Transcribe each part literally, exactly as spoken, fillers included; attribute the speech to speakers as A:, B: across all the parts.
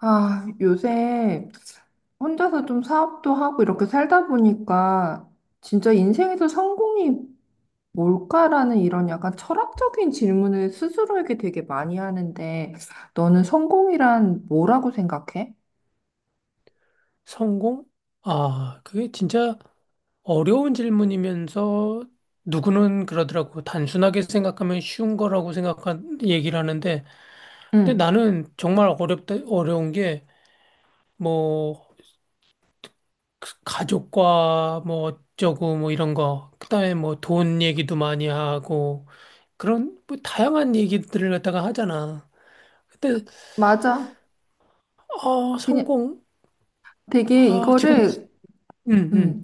A: 아, 요새 혼자서 좀 사업도 하고 이렇게 살다 보니까 진짜 인생에서 성공이 뭘까라는 이런 약간 철학적인 질문을 스스로에게 되게 많이 하는데 너는 성공이란 뭐라고 생각해?
B: 성공? 아, 그게 진짜 어려운 질문이면서 누구는 그러더라고. 단순하게 생각하면 쉬운 거라고 생각한 얘기를 하는데, 근데
A: 응,
B: 나는 정말 어렵다, 어려운 게, 뭐, 가족과 뭐 어쩌고 뭐 이런 거, 그다음에 뭐 돈 얘기도 많이 하고, 그런 뭐 다양한 얘기들을 갖다가 하잖아. 근데,
A: 맞아.
B: 아,
A: 그냥
B: 성공?
A: 되게
B: 아, 지금,
A: 이거를
B: 음,
A: 음,
B: 음.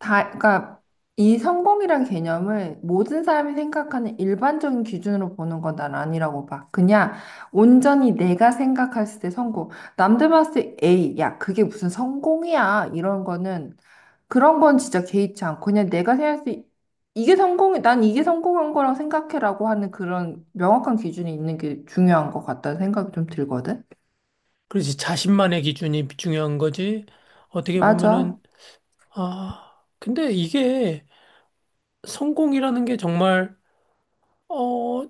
A: 다, 그러니까 이 성공이란 개념을 모든 사람이 생각하는 일반적인 기준으로 보는 건 난 아니라고 봐. 그냥 온전히 내가 생각했을 때 성공. 남들 봤을 때 에이, 야, 그게 무슨 성공이야. 이런 거는 그런 건 진짜 개의치 않고 그냥 내가 생각했을 때 이게 성공이, 난 이게 성공한 거라고 생각해라고 하는 그런 명확한 기준이 있는 게 중요한 것 같다는 생각이 좀 들거든.
B: 그렇지. 자신만의 기준이 중요한 거지. 어떻게
A: 맞아.
B: 보면은, 아, 근데 이게 성공이라는 게 정말, 어,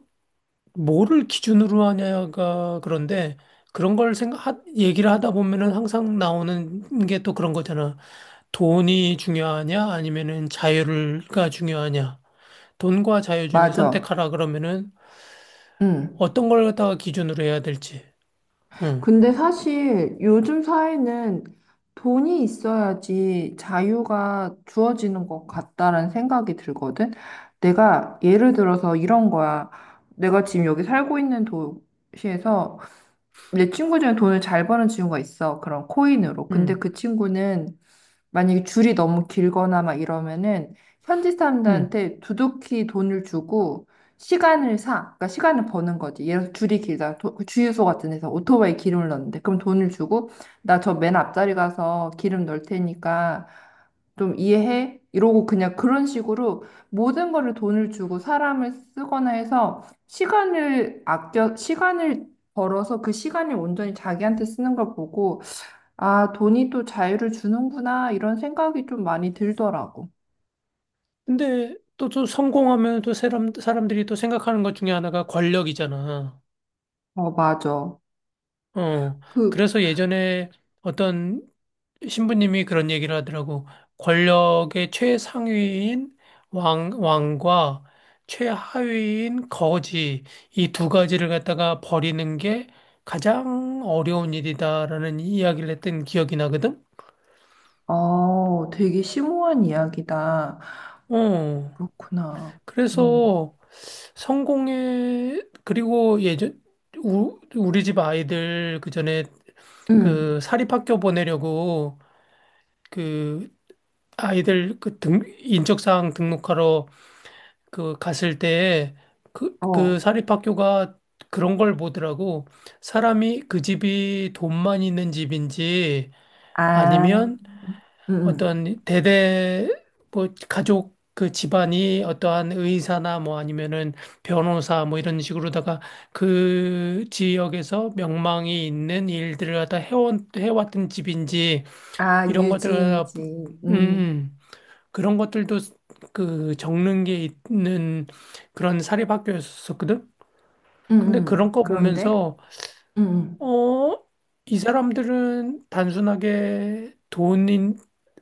B: 뭐를 기준으로 하냐가 그런데 그런 걸 생각, 하, 얘기를 하다 보면은 항상 나오는 게 또 그런 거잖아. 돈이 중요하냐, 아니면은 자유가 중요하냐. 돈과 자유 중에
A: 맞아.
B: 선택하라 그러면은
A: 응.
B: 어떤 걸 갖다가 기준으로 해야 될지. 응,
A: 근데 사실 요즘 사회는 돈이 있어야지 자유가 주어지는 것 같다라는 생각이 들거든. 내가 예를 들어서 이런 거야. 내가 지금 여기 살고 있는 도시에서 내 친구 중에 돈을 잘 버는 친구가 있어. 그런 코인으로. 근데
B: 응,
A: 그 친구는 만약에 줄이 너무 길거나 막 이러면은 현지
B: 응.
A: 사람들한테 두둑히 돈을 주고 시간을 사. 그러니까 시간을 버는 거지. 예를 들어 줄이 길다. 도- 그 주유소 같은 데서 오토바이 기름을 넣는데 그럼 돈을 주고 나 저 맨 앞자리 가서 기름 넣을 테니까 좀 이해해? 이러고 그냥 그런 식으로 모든 거를 돈을 주고 사람을 쓰거나 해서 시간을 아껴, 시간을 벌어서 그 시간을 온전히 자기한테 쓰는 걸 보고, 아, 돈이 또 자유를 주는구나, 이런 생각이 좀 많이 들더라고.
B: 근데 또, 또 성공하면 또 사람, 사람들이 또 생각하는 것 중에 하나가 권력이잖아.
A: 어, 맞아.
B: 어,
A: 그,
B: 그래서 예전에 어떤 신부님이 그런 얘기를 하더라고. 권력의 최상위인 왕, 왕과 최하위인 거지, 이 두 가지를 갖다가 버리는 게 가장 어려운 일이다라는 이야기를 했던 기억이 나거든?
A: 어, 되게 심오한 이야기다.
B: 어,
A: 그렇구나. 음.
B: 그래서 성공의, 그리고 예전, 우, 우리 집 아이들 그 전에
A: 음.
B: 그 사립학교 보내려고 그 아이들 그 등, 인적사항 등록하러 그 갔을 때 그,
A: 어.
B: 그 사립학교가 그런 걸 보더라고. 사람이 그 집이 돈만 있는 집인지
A: 아,
B: 아니면
A: 음. 음.
B: 어떤 대대 뭐 가족 그 집안이 어떠한 의사나 뭐 아니면은 변호사 뭐 이런 식으로다가 그 지역에서 명망이 있는 일들을 갖다 해온, 해왔던 집인지
A: 아,
B: 이런 것들을 갖다
A: 유지인지. 음.
B: 음. 그런 것들도 그 적는 게 있는 그런 사립학교였었거든.
A: 음.
B: 근데 그런
A: 음.
B: 거
A: 그런데?
B: 보면서
A: 음. 음.
B: 어, 이 사람들은 단순하게 돈인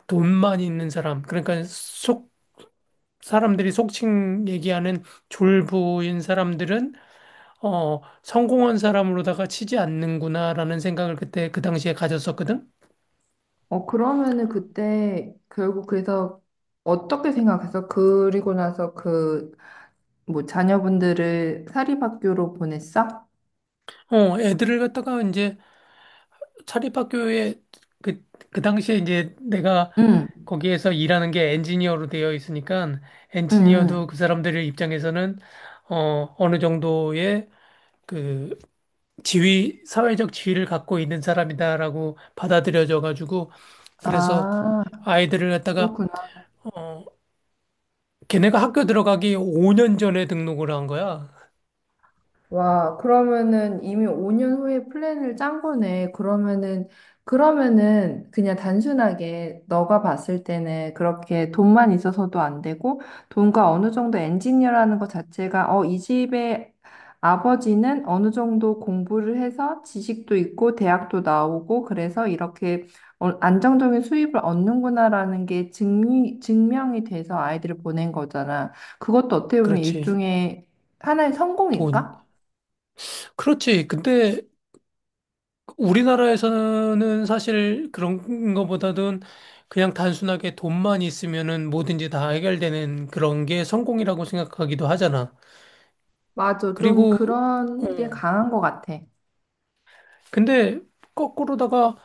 B: 돈만 있는 사람, 그러니까 속 사람들이 속칭 얘기하는 졸부인 사람들은 어, 성공한 사람으로다가 치지 않는구나라는 생각을 그때 그 당시에 가졌었거든.
A: 어, 그러면은 그때 결국 그래서 어떻게 생각했어? 그리고 나서 그 뭐 자녀분들을 사립학교로 보냈어?
B: 어, 애들을 갖다가 이제 사립학교에 그, 그 당시에 이제 내가
A: 응,
B: 거기에서 일하는 게 엔지니어로 되어 있으니까
A: 응,
B: 엔지니어도
A: 응.
B: 그 사람들의 입장에서는 어, 어느 정도의 그 지위, 사회적 지위를 갖고 있는 사람이다라고 받아들여져 가지고 그래서
A: 아,
B: 아이들을 갖다가 어, 걔네가 학교 들어가기 오 년 전에 등록을 한 거야.
A: 와, 그러면은 이미 오 년 후에 플랜을 짠 거네. 그러면은, 그러면은 그냥 단순하게 너가 봤을 때는 그렇게 돈만 있어서도 안 되고, 돈과 어느 정도 엔지니어라는 것 자체가, 어, 이 집의 아버지는 어느 정도 공부를 해서 지식도 있고, 대학도 나오고, 그래서 이렇게 어, 안정적인 수입을 얻는구나라는 게 증, 증명이 돼서 아이들을 보낸 거잖아. 그것도 어떻게 보면
B: 그렇지.
A: 일종의 하나의
B: 돈.
A: 성공일까?
B: 그렇지. 근데 우리나라에서는 사실 그런 것보다는 그냥 단순하게 돈만 있으면은 뭐든지 다 해결되는 그런 게 성공이라고 생각하기도 하잖아.
A: 맞아. 좀
B: 그리고, 어,
A: 그런 게 강한 것 같아.
B: 근데 거꾸로다가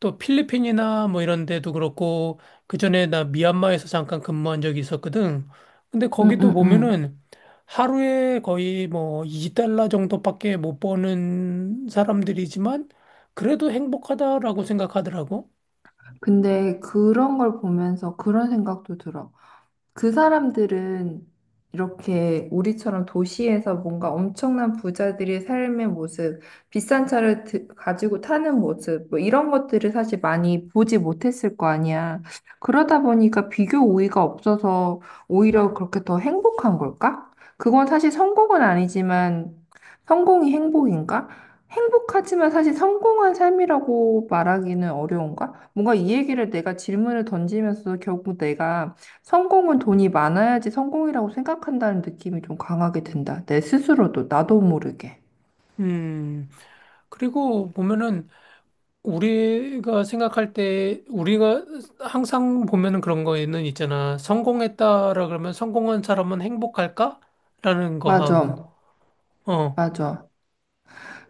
B: 또 필리핀이나 뭐 이런 데도 그렇고, 그전에 나 미얀마에서 잠깐 근무한 적이 있었거든. 근데
A: 응,
B: 거기도
A: 응, 응.
B: 보면은 하루에 거의 뭐 이 달러 정도밖에 못 버는 사람들이지만 그래도 행복하다라고 생각하더라고.
A: 근데 그런 걸 보면서 그런 생각도 들어. 그 사람들은 이렇게 우리처럼 도시에서 뭔가 엄청난 부자들의 삶의 모습, 비싼 차를 드- 가지고 타는 모습, 뭐 이런 것들을 사실 많이 보지 못했을 거 아니야. 그러다 보니까 비교 우위가 없어서 오히려 그렇게 더 행복한 걸까? 그건 사실 성공은 아니지만 성공이 행복인가? 행복하지만 사실 성공한 삶이라고 말하기는 어려운가? 뭔가 이 얘기를 내가 질문을 던지면서 결국 내가 성공은 돈이 많아야지 성공이라고 생각한다는 느낌이 좀 강하게 든다. 내 스스로도 나도 모르게.
B: 음. 그리고 보면은 우리가 생각할 때 우리가 항상 보면은 그런 거에는 있잖아. 성공했다라 그러면 성공한 사람은 행복할까? 라는 거 하고.
A: 맞아.
B: 어.
A: 맞아.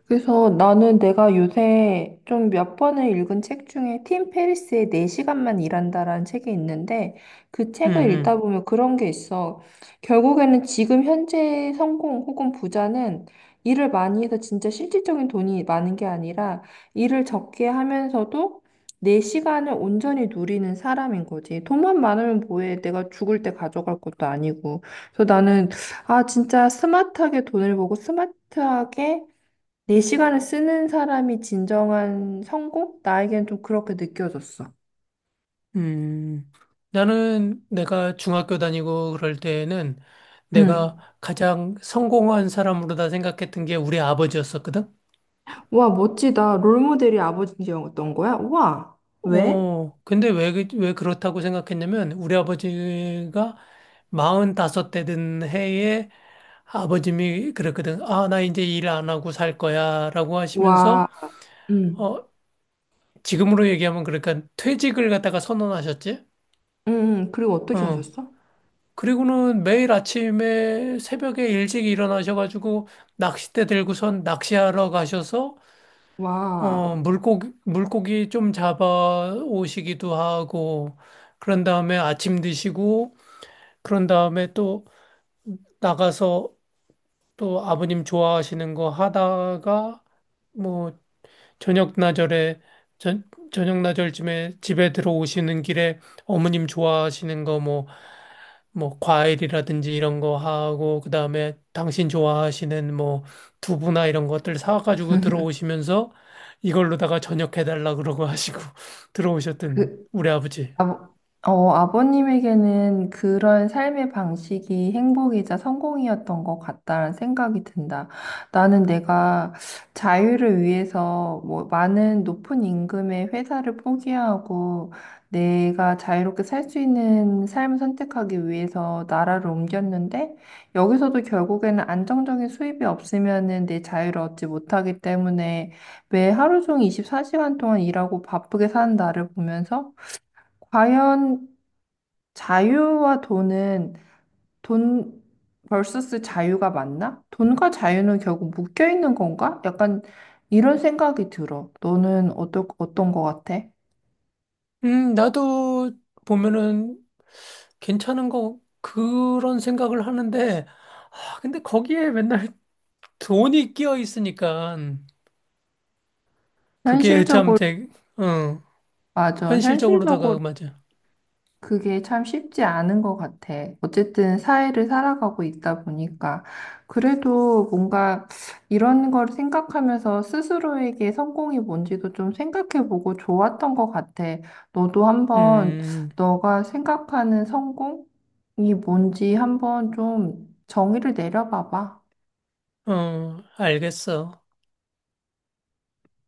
A: 그래서 나는 내가 요새 좀 몇 번을 읽은 책 중에 팀 페리스의 네 시간만 일한다라는 책이 있는데 그
B: 음.
A: 책을 읽다
B: 음.
A: 보면 그런 게 있어. 결국에는 지금 현재의 성공 혹은 부자는 일을 많이 해서 진짜 실질적인 돈이 많은 게 아니라 일을 적게 하면서도 내 시간을 온전히 누리는 사람인 거지. 돈만 많으면 뭐해. 내가 죽을 때 가져갈 것도 아니고. 그래서 나는 아, 진짜 스마트하게 돈을 보고 스마트하게 내 시간을 쓰는 사람이 진정한 성공? 나에겐 좀 그렇게 느껴졌어.
B: 음. 나는 내가 중학교 다니고 그럴 때에는 내가
A: 응.
B: 가장 성공한 사람으로 다 생각했던 게 우리 아버지였었거든.
A: 와, 멋지다. 롤모델이 아버지였던 거야? 와, 왜?
B: 어, 근데 왜, 그- 왜 그렇다고 생각했냐면, 우리 아버지가 마흔다섯 대 된 해에 아버님이 그랬거든. 아, 나 이제 일 안 하고 살 거야. 라고
A: 와,
B: 하시면서,
A: 응.
B: 어, 지금으로 얘기하면 그러니까 퇴직을 갖다가 선언하셨지?
A: 음, 음, 그리고 어떻게
B: 어.
A: 하셨어?
B: 그리고는 매일 아침에 새벽에 일찍 일어나셔가지고 낚싯대 들고선 낚시하러 가셔서, 어,
A: 와,
B: 물고기, 물고기 좀 잡아 오시기도 하고, 그런 다음에 아침 드시고, 그런 다음에 또 나가서 또 아버님 좋아하시는 거 하다가 뭐 저녁 나절에 저, 저녁 나절쯤에 집에 들어오시는 길에 어머님 좋아하시는 거 뭐 뭐 과일이라든지 이런 거 하고 그다음에 당신 좋아하시는 뭐 두부나 이런 것들 사가지고 들어오시면서 이걸로다가 저녁 해달라 그러고 하시고 들어오셨던
A: 그,
B: 우리 아버지.
A: 아버, 어, 아버님에게는 그런 삶의 방식이 행복이자 성공이었던 것 같다라는 생각이 든다. 나는 내가 자유를 위해서 뭐 많은 높은 임금의 회사를 포기하고 내가 자유롭게 살 수 있는 삶을 선택하기 위해서 나라를 옮겼는데 여기서도 결국에는 안정적인 수입이 없으면은 내 자유를 얻지 못하기 때문에 매 하루 종일 이십사 시간 동안 일하고 바쁘게 사는 나를 보면서 과연 자유와 돈은 돈 vs 자유가 맞나? 돈과 자유는 결국 묶여 있는 건가? 약간 이런 생각이 들어. 너는 어떠, 어떤 거 같아?
B: 음, 나도 보면은 괜찮은 거 그런 생각을 하는데 아, 근데 거기에 맨날 돈이 끼어 있으니까 그게 참
A: 현실적으로,
B: 제, 어,
A: 맞아. 현실적으로
B: 현실적으로다가 맞아.
A: 그게 참 쉽지 않은 것 같아. 어쨌든 사회를 살아가고 있다 보니까. 그래도 뭔가 이런 걸 생각하면서 스스로에게 성공이 뭔지도 좀 생각해보고 좋았던 것 같아. 너도 한번
B: 음,
A: 너가 생각하는 성공이 뭔지 한번 좀 정의를 내려봐봐.
B: 어, 알겠어.